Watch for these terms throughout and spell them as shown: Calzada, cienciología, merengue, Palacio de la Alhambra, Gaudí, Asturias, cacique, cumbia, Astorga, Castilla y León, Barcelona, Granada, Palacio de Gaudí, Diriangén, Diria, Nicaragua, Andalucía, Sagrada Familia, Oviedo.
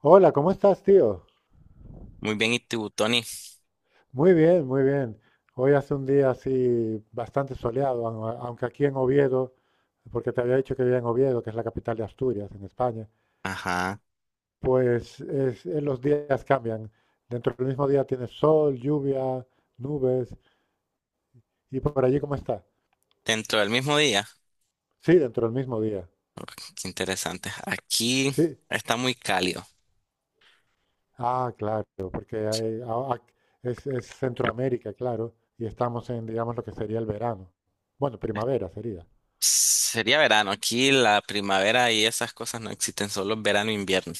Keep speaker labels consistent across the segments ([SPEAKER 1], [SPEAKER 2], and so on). [SPEAKER 1] Hola, ¿cómo estás, tío?
[SPEAKER 2] Muy bien, ¿y tú, Tony?
[SPEAKER 1] Muy bien. Hoy hace un día así bastante soleado, aunque aquí en Oviedo, porque te había dicho que vivía en Oviedo, que es la capital de Asturias, en España,
[SPEAKER 2] Ajá.
[SPEAKER 1] pues los días cambian. Dentro del mismo día tienes sol, lluvia, nubes. ¿Y por allí cómo está?
[SPEAKER 2] Dentro del mismo día.
[SPEAKER 1] Sí, dentro del mismo día.
[SPEAKER 2] Ok, qué interesante. Aquí
[SPEAKER 1] Sí.
[SPEAKER 2] está muy cálido.
[SPEAKER 1] Ah, claro, porque a- es Centroamérica, claro, y estamos en, digamos, lo que sería el verano. Bueno, primavera sería.
[SPEAKER 2] Sería verano. Aquí la primavera y esas cosas no existen, solo verano e invierno.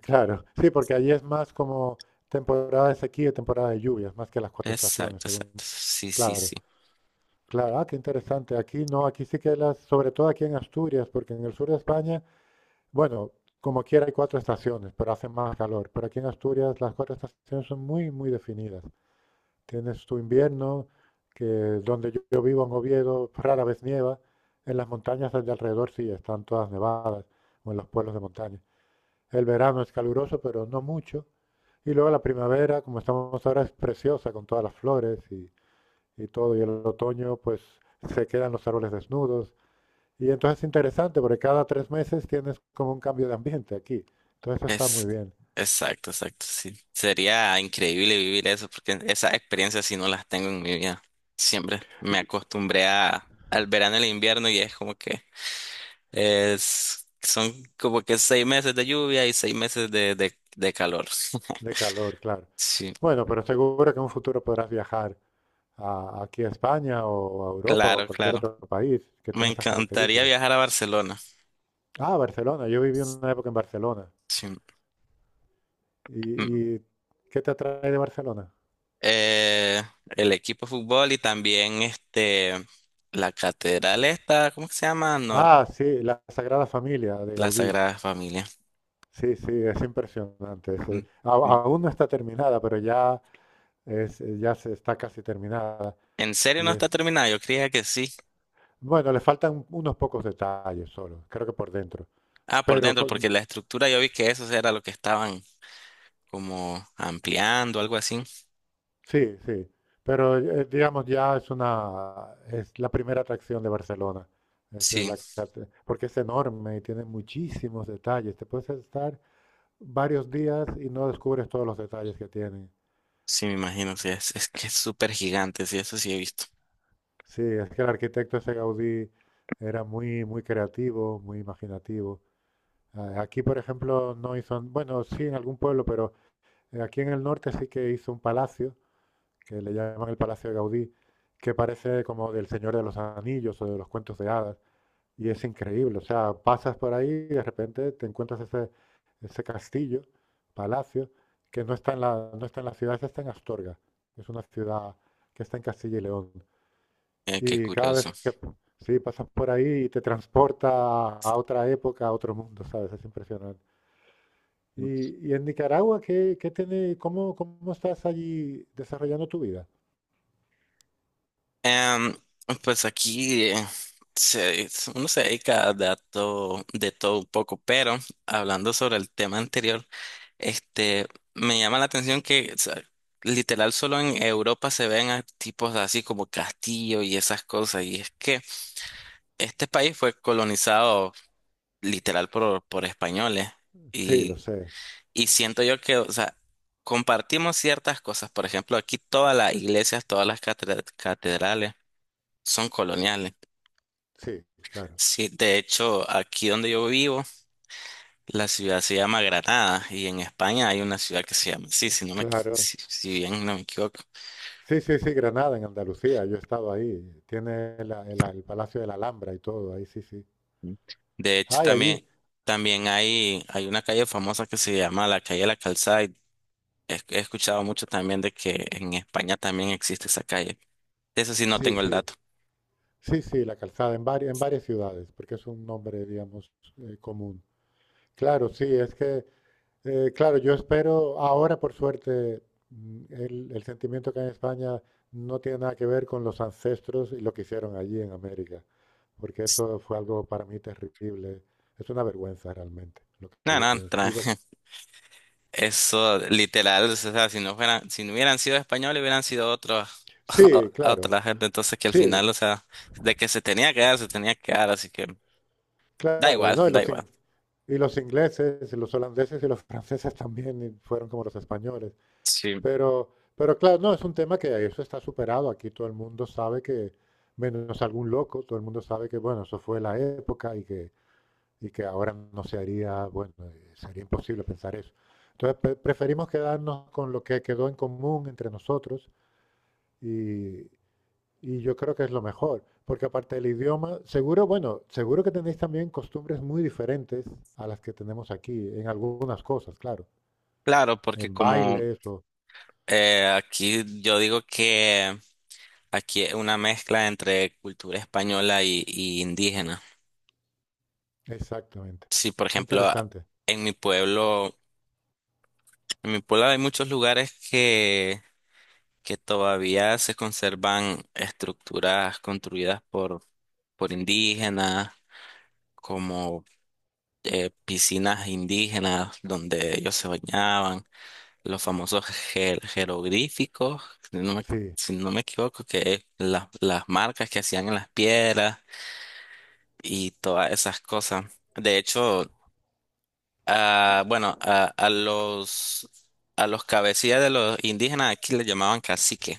[SPEAKER 1] Claro, sí, porque allí es más como temporada de sequía y temporada de lluvias, más que las cuatro estaciones,
[SPEAKER 2] Exacto,
[SPEAKER 1] según.
[SPEAKER 2] exacto. Sí, sí,
[SPEAKER 1] Claro,
[SPEAKER 2] sí.
[SPEAKER 1] claro, ah, qué interesante. Aquí no, aquí sí que las, sobre todo aquí en Asturias, porque en el sur de España, bueno, como quiera hay cuatro estaciones, pero hace más calor. Pero aquí en Asturias las cuatro estaciones son muy, muy definidas. Tienes tu invierno, que donde yo vivo en Oviedo rara vez nieva, en las montañas de alrededor sí están todas nevadas, o en los pueblos de montaña. El verano es caluroso, pero no mucho. Y luego la primavera, como estamos ahora, es preciosa con todas las flores y todo. Y el otoño, pues se quedan los árboles desnudos. Y entonces es interesante porque cada tres meses tienes como un cambio de ambiente aquí. Entonces está muy
[SPEAKER 2] Es
[SPEAKER 1] bien,
[SPEAKER 2] Exacto, exacto. Sí. Sería increíble vivir eso porque esas experiencias sí no las tengo en mi vida. Siempre me acostumbré al verano y el invierno, y es como que Es, son como que seis meses de lluvia y seis meses de calor.
[SPEAKER 1] de calor, claro.
[SPEAKER 2] Sí,
[SPEAKER 1] Bueno, pero seguro que en un futuro podrás viajar aquí a España o a Europa o a
[SPEAKER 2] claro,
[SPEAKER 1] cualquier
[SPEAKER 2] claro.
[SPEAKER 1] otro país que
[SPEAKER 2] Me
[SPEAKER 1] tenga esas
[SPEAKER 2] encantaría
[SPEAKER 1] características.
[SPEAKER 2] viajar a Barcelona.
[SPEAKER 1] Ah, Barcelona. Yo viví una época en Barcelona.
[SPEAKER 2] Sí. Mm.
[SPEAKER 1] ¿Y qué te atrae de Barcelona?
[SPEAKER 2] Eh, el equipo de fútbol y también la catedral esta, ¿cómo que se llama?
[SPEAKER 1] Ah, sí, la Sagrada Familia de
[SPEAKER 2] La
[SPEAKER 1] Gaudí.
[SPEAKER 2] Sagrada Familia.
[SPEAKER 1] Sí, sí, es impresionante.
[SPEAKER 2] Mm. Mm.
[SPEAKER 1] Aún no está terminada, pero ya ya se está casi terminada
[SPEAKER 2] ¿En serio
[SPEAKER 1] y
[SPEAKER 2] no está
[SPEAKER 1] es,
[SPEAKER 2] terminada? Yo creía que sí.
[SPEAKER 1] bueno, le faltan unos pocos detalles solo, creo que por dentro.
[SPEAKER 2] Ah, por
[SPEAKER 1] Pero
[SPEAKER 2] dentro,
[SPEAKER 1] con-
[SPEAKER 2] porque la estructura yo vi que eso era lo que estaban como ampliando, algo así.
[SPEAKER 1] sí, sí. Pero digamos ya es la primera atracción de Barcelona. Es de
[SPEAKER 2] Sí.
[SPEAKER 1] la- Porque es enorme y tiene muchísimos detalles. Te puedes estar varios días y no descubres todos los detalles que tiene.
[SPEAKER 2] Sí, me imagino, sí, es que es súper gigante, sí, eso sí he visto.
[SPEAKER 1] Sí, es que el arquitecto ese Gaudí era muy, muy creativo, muy imaginativo. Ah, aquí, por ejemplo, no hizo, bueno, sí en algún pueblo, pero aquí en el norte sí que hizo un palacio, que le llaman el Palacio de Gaudí, que parece como del Señor de los Anillos o de los cuentos de hadas, y es increíble. O sea, pasas por ahí y de repente te encuentras ese castillo, palacio, que no está en la ciudad, esa está en Astorga, que es una ciudad que está en Castilla y León.
[SPEAKER 2] Qué
[SPEAKER 1] Y cada
[SPEAKER 2] curioso.
[SPEAKER 1] vez que sí, pasas por ahí y te transporta a otra época, a otro mundo, ¿sabes? Es impresionante. Y en Nicaragua, ¿ qué tiene, cómo estás allí desarrollando tu vida?
[SPEAKER 2] Em, pues aquí se- uno se dedica a de todo un poco, pero hablando sobre el tema anterior, este, me llama la atención que, o sea, literal solo en Europa se ven a tipos así como castillo y esas cosas, y es que este país fue colonizado literal por españoles.
[SPEAKER 1] Sí, lo sé.
[SPEAKER 2] Y siento yo que, o sea, compartimos ciertas cosas. Por ejemplo, aquí todas las iglesias, todas las catedrales son coloniales.
[SPEAKER 1] Sí, claro.
[SPEAKER 2] Sí, de hecho, aquí donde yo vivo, la ciudad se llama Granada, y en España hay una ciudad que se llama así, si no me,
[SPEAKER 1] Claro.
[SPEAKER 2] si
[SPEAKER 1] S-
[SPEAKER 2] bien no me equivoco.
[SPEAKER 1] Sí, sí, sí, Granada, en Andalucía. Yo he estado ahí. Tiene el Palacio de la Alhambra y todo. Ahí sí, sí.
[SPEAKER 2] Ujú. De hecho,
[SPEAKER 1] Ah, y allí.
[SPEAKER 2] también, también hay una calle famosa que se llama la calle de la Calzada, y he escuchado mucho también de que en España también existe esa calle. De eso sí no
[SPEAKER 1] Sí,
[SPEAKER 2] tengo el
[SPEAKER 1] sí.
[SPEAKER 2] dato.
[SPEAKER 1] Sí, sí, la calzada en varias ciudades, porque es un nombre, digamos, común. Claro, sí, es que eh, claro, yo espero, ahora por suerte, mm, el sentimiento que hay en España no tiene nada que ver con los ancestros y lo que hicieron allí en América, porque eso fue algo para mí terrible. Es una vergüenza realmente, lo que
[SPEAKER 2] No,
[SPEAKER 1] yo
[SPEAKER 2] no,
[SPEAKER 1] pienso.
[SPEAKER 2] tranqui. Eso, literal, o sea, si no fueran, si no hubieran sido españoles, hubieran sido otros,
[SPEAKER 1] Sí, claro,
[SPEAKER 2] otra gente. Entonces, que al
[SPEAKER 1] sí,
[SPEAKER 2] final, o sea, de que se tenía que dar, se tenía que dar, así que da
[SPEAKER 1] claro.
[SPEAKER 2] igual,
[SPEAKER 1] No,
[SPEAKER 2] da igual.
[SPEAKER 1] y los ingleses, y los holandeses y los franceses también y fueron como los españoles.
[SPEAKER 2] Sí,
[SPEAKER 1] Pero, pero claro, no, es un tema que eso está superado. Aquí todo el mundo sabe que, menos algún loco, todo el mundo sabe que, bueno, eso fue la época y que ahora no se haría, bueno, sería imposible pensar eso. Entonces, preferimos quedarnos con lo que quedó en común entre nosotros y, y yo creo que es lo mejor, porque aparte del idioma, seguro, bueno, seguro que tenéis también costumbres muy diferentes a las que tenemos aquí, en algunas cosas, claro,
[SPEAKER 2] claro, porque
[SPEAKER 1] en
[SPEAKER 2] como
[SPEAKER 1] bailes o...
[SPEAKER 2] aquí yo digo que aquí es una mezcla entre cultura española y indígena.
[SPEAKER 1] Exactamente.
[SPEAKER 2] Sí, por
[SPEAKER 1] Qué
[SPEAKER 2] ejemplo,
[SPEAKER 1] interesante.
[SPEAKER 2] en mi pueblo, en mi pueblo hay muchos lugares que todavía se conservan estructuras construidas por indígenas, como piscinas indígenas donde ellos se bañaban, los famosos jeroglíficos, si no me,
[SPEAKER 1] Sí,
[SPEAKER 2] si no me equivoco, que es las marcas que hacían en las piedras y todas esas cosas. De hecho, ah, bueno, a los... A los cabecillas de los indígenas aquí les llamaban cacique.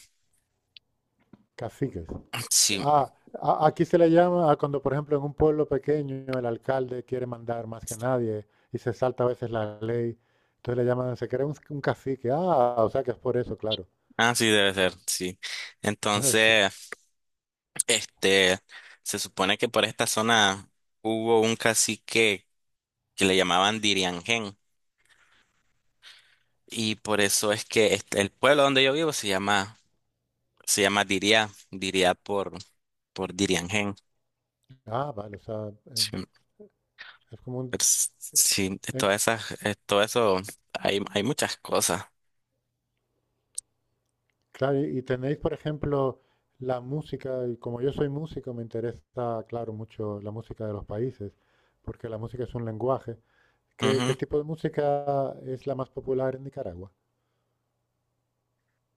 [SPEAKER 1] caciques.
[SPEAKER 2] Sí,
[SPEAKER 1] Ah, aquí se le llama a cuando, por ejemplo, en un pueblo pequeño el alcalde quiere mandar más que nadie y se salta a veces la ley. Entonces le llaman, se crea un cacique. Ah, o sea que es por eso, claro.
[SPEAKER 2] ah, sí, debe ser, sí.
[SPEAKER 1] Ah, sí.
[SPEAKER 2] Entonces, este, se supone que por esta zona hubo un cacique que le llamaban Diriangén, y por eso es que el pueblo donde yo vivo se llama, se llama Diria, Diria por Diriangén.
[SPEAKER 1] Ah, vale, o sea, en-
[SPEAKER 2] Sí,
[SPEAKER 1] es como
[SPEAKER 2] pero
[SPEAKER 1] un...
[SPEAKER 2] sí,
[SPEAKER 1] en-
[SPEAKER 2] todas esas, todo eso hay muchas cosas.
[SPEAKER 1] claro, y tenéis, por ejemplo, la música, y como yo soy músico, me interesa, claro, mucho la música de los países, porque la música es un lenguaje. ¿ qué
[SPEAKER 2] Ujú.
[SPEAKER 1] tipo de música es la más popular en Nicaragua?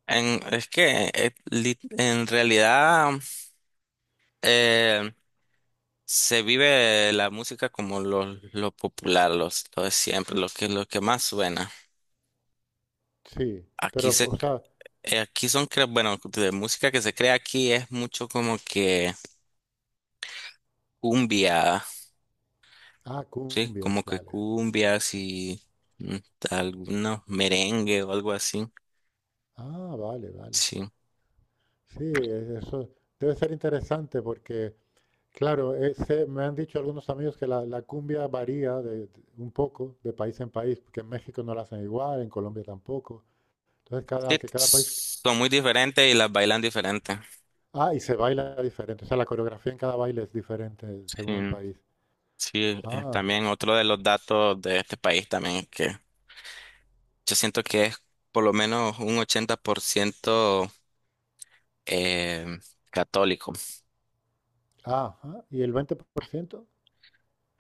[SPEAKER 2] En, es que en realidad eh, se vive la música como lo popular, lo de siempre, lo que más suena.
[SPEAKER 1] Sí,
[SPEAKER 2] Aquí
[SPEAKER 1] pero,
[SPEAKER 2] se
[SPEAKER 1] o sea,
[SPEAKER 2] Aquí son, bueno, de música que se crea aquí es mucho como que cumbia,
[SPEAKER 1] ah,
[SPEAKER 2] ¿sí?
[SPEAKER 1] cumbias,
[SPEAKER 2] Como que
[SPEAKER 1] vale.
[SPEAKER 2] cumbias y mm, algunos merengue o algo así,
[SPEAKER 1] Ah, vale.
[SPEAKER 2] sí.
[SPEAKER 1] Sí, eso debe ser interesante porque, claro, me han dicho algunos amigos que la cumbia varía un poco de país en país, porque en México no la hacen igual, en Colombia tampoco. Entonces,
[SPEAKER 2] Sí,
[SPEAKER 1] que cada país...
[SPEAKER 2] son muy diferentes y las bailan diferentes.
[SPEAKER 1] Ah, y se baila diferente, o sea, la coreografía en cada baile es diferente según el
[SPEAKER 2] Sí,
[SPEAKER 1] país.
[SPEAKER 2] sí,
[SPEAKER 1] Ah,
[SPEAKER 2] también otro de los datos de este país también es que yo siento que es por lo menos un 80% eh, católico.
[SPEAKER 1] ajá, ¿y el 20%?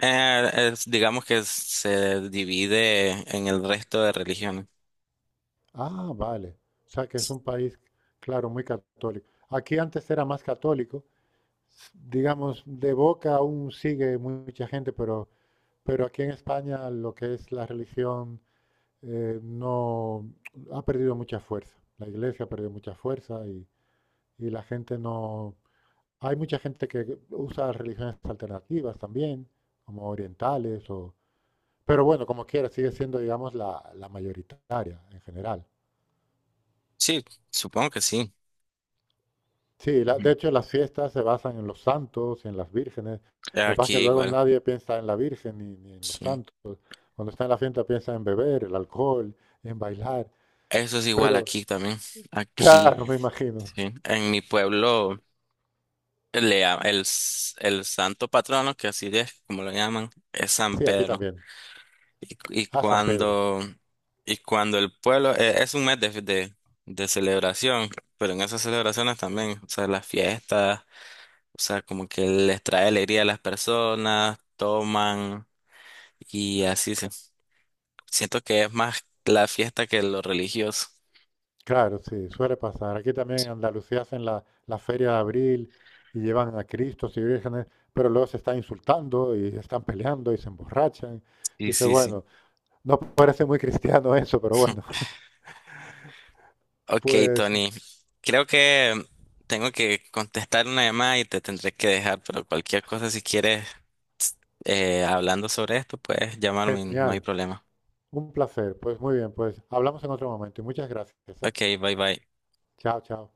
[SPEAKER 2] Digamos que se divide en el resto de religiones.
[SPEAKER 1] Ah, vale. O sea, que es un país, claro, muy católico. Aquí antes era más católico, digamos, de boca aún sigue mucha gente, pero aquí en España lo que es la religión no ha perdido mucha fuerza. La iglesia ha perdido mucha fuerza y la gente no... Hay mucha gente que usa religiones alternativas también, como orientales o... Pero bueno, como quiera, sigue siendo, digamos, la mayoritaria en general.
[SPEAKER 2] Sí, supongo que sí.
[SPEAKER 1] Sí, la- de
[SPEAKER 2] Ujú.
[SPEAKER 1] hecho las fiestas se basan en los santos y en las vírgenes. Lo que pasa es que
[SPEAKER 2] Aquí
[SPEAKER 1] luego
[SPEAKER 2] igual,
[SPEAKER 1] nadie piensa en la Virgen ni en los
[SPEAKER 2] sí.
[SPEAKER 1] santos. Cuando está en la fiesta piensa en beber, el alcohol, en bailar.
[SPEAKER 2] Eso es igual
[SPEAKER 1] Pero,
[SPEAKER 2] aquí también.
[SPEAKER 1] claro,
[SPEAKER 2] Aquí,
[SPEAKER 1] me imagino.
[SPEAKER 2] sí. En mi pueblo, le, llama- el, s- el santo patrono, que así es como lo llaman, es San
[SPEAKER 1] Sí, aquí
[SPEAKER 2] Pedro.
[SPEAKER 1] también.
[SPEAKER 2] Y,
[SPEAKER 1] Ah, San Pedro.
[SPEAKER 2] y cuando el pueblo, es un mes de celebración, pero en esas celebraciones también, o sea, las fiestas, o sea, como que les trae alegría a las personas, toman y así. Siento que es más la fiesta que lo religioso.
[SPEAKER 1] Claro, sí, suele pasar. Aquí también en Andalucía hacen la feria de abril y llevan a Cristos y vírgenes, pero luego se están insultando y están peleando y se emborrachan.
[SPEAKER 2] Sí,
[SPEAKER 1] Dice,
[SPEAKER 2] sí, sí.
[SPEAKER 1] bueno, no parece muy cristiano eso, pero bueno,
[SPEAKER 2] Ok,
[SPEAKER 1] pues
[SPEAKER 2] Tony. Creo que tengo que contestar una llamada y te tendré que dejar, pero cualquier cosa, si quieres, hablando sobre esto, puedes llamarme, no hay
[SPEAKER 1] genial,
[SPEAKER 2] problema.
[SPEAKER 1] un placer, pues muy bien, pues hablamos en otro momento y muchas gracias, ¿eh?
[SPEAKER 2] Ok, bye bye.
[SPEAKER 1] Chao, chao.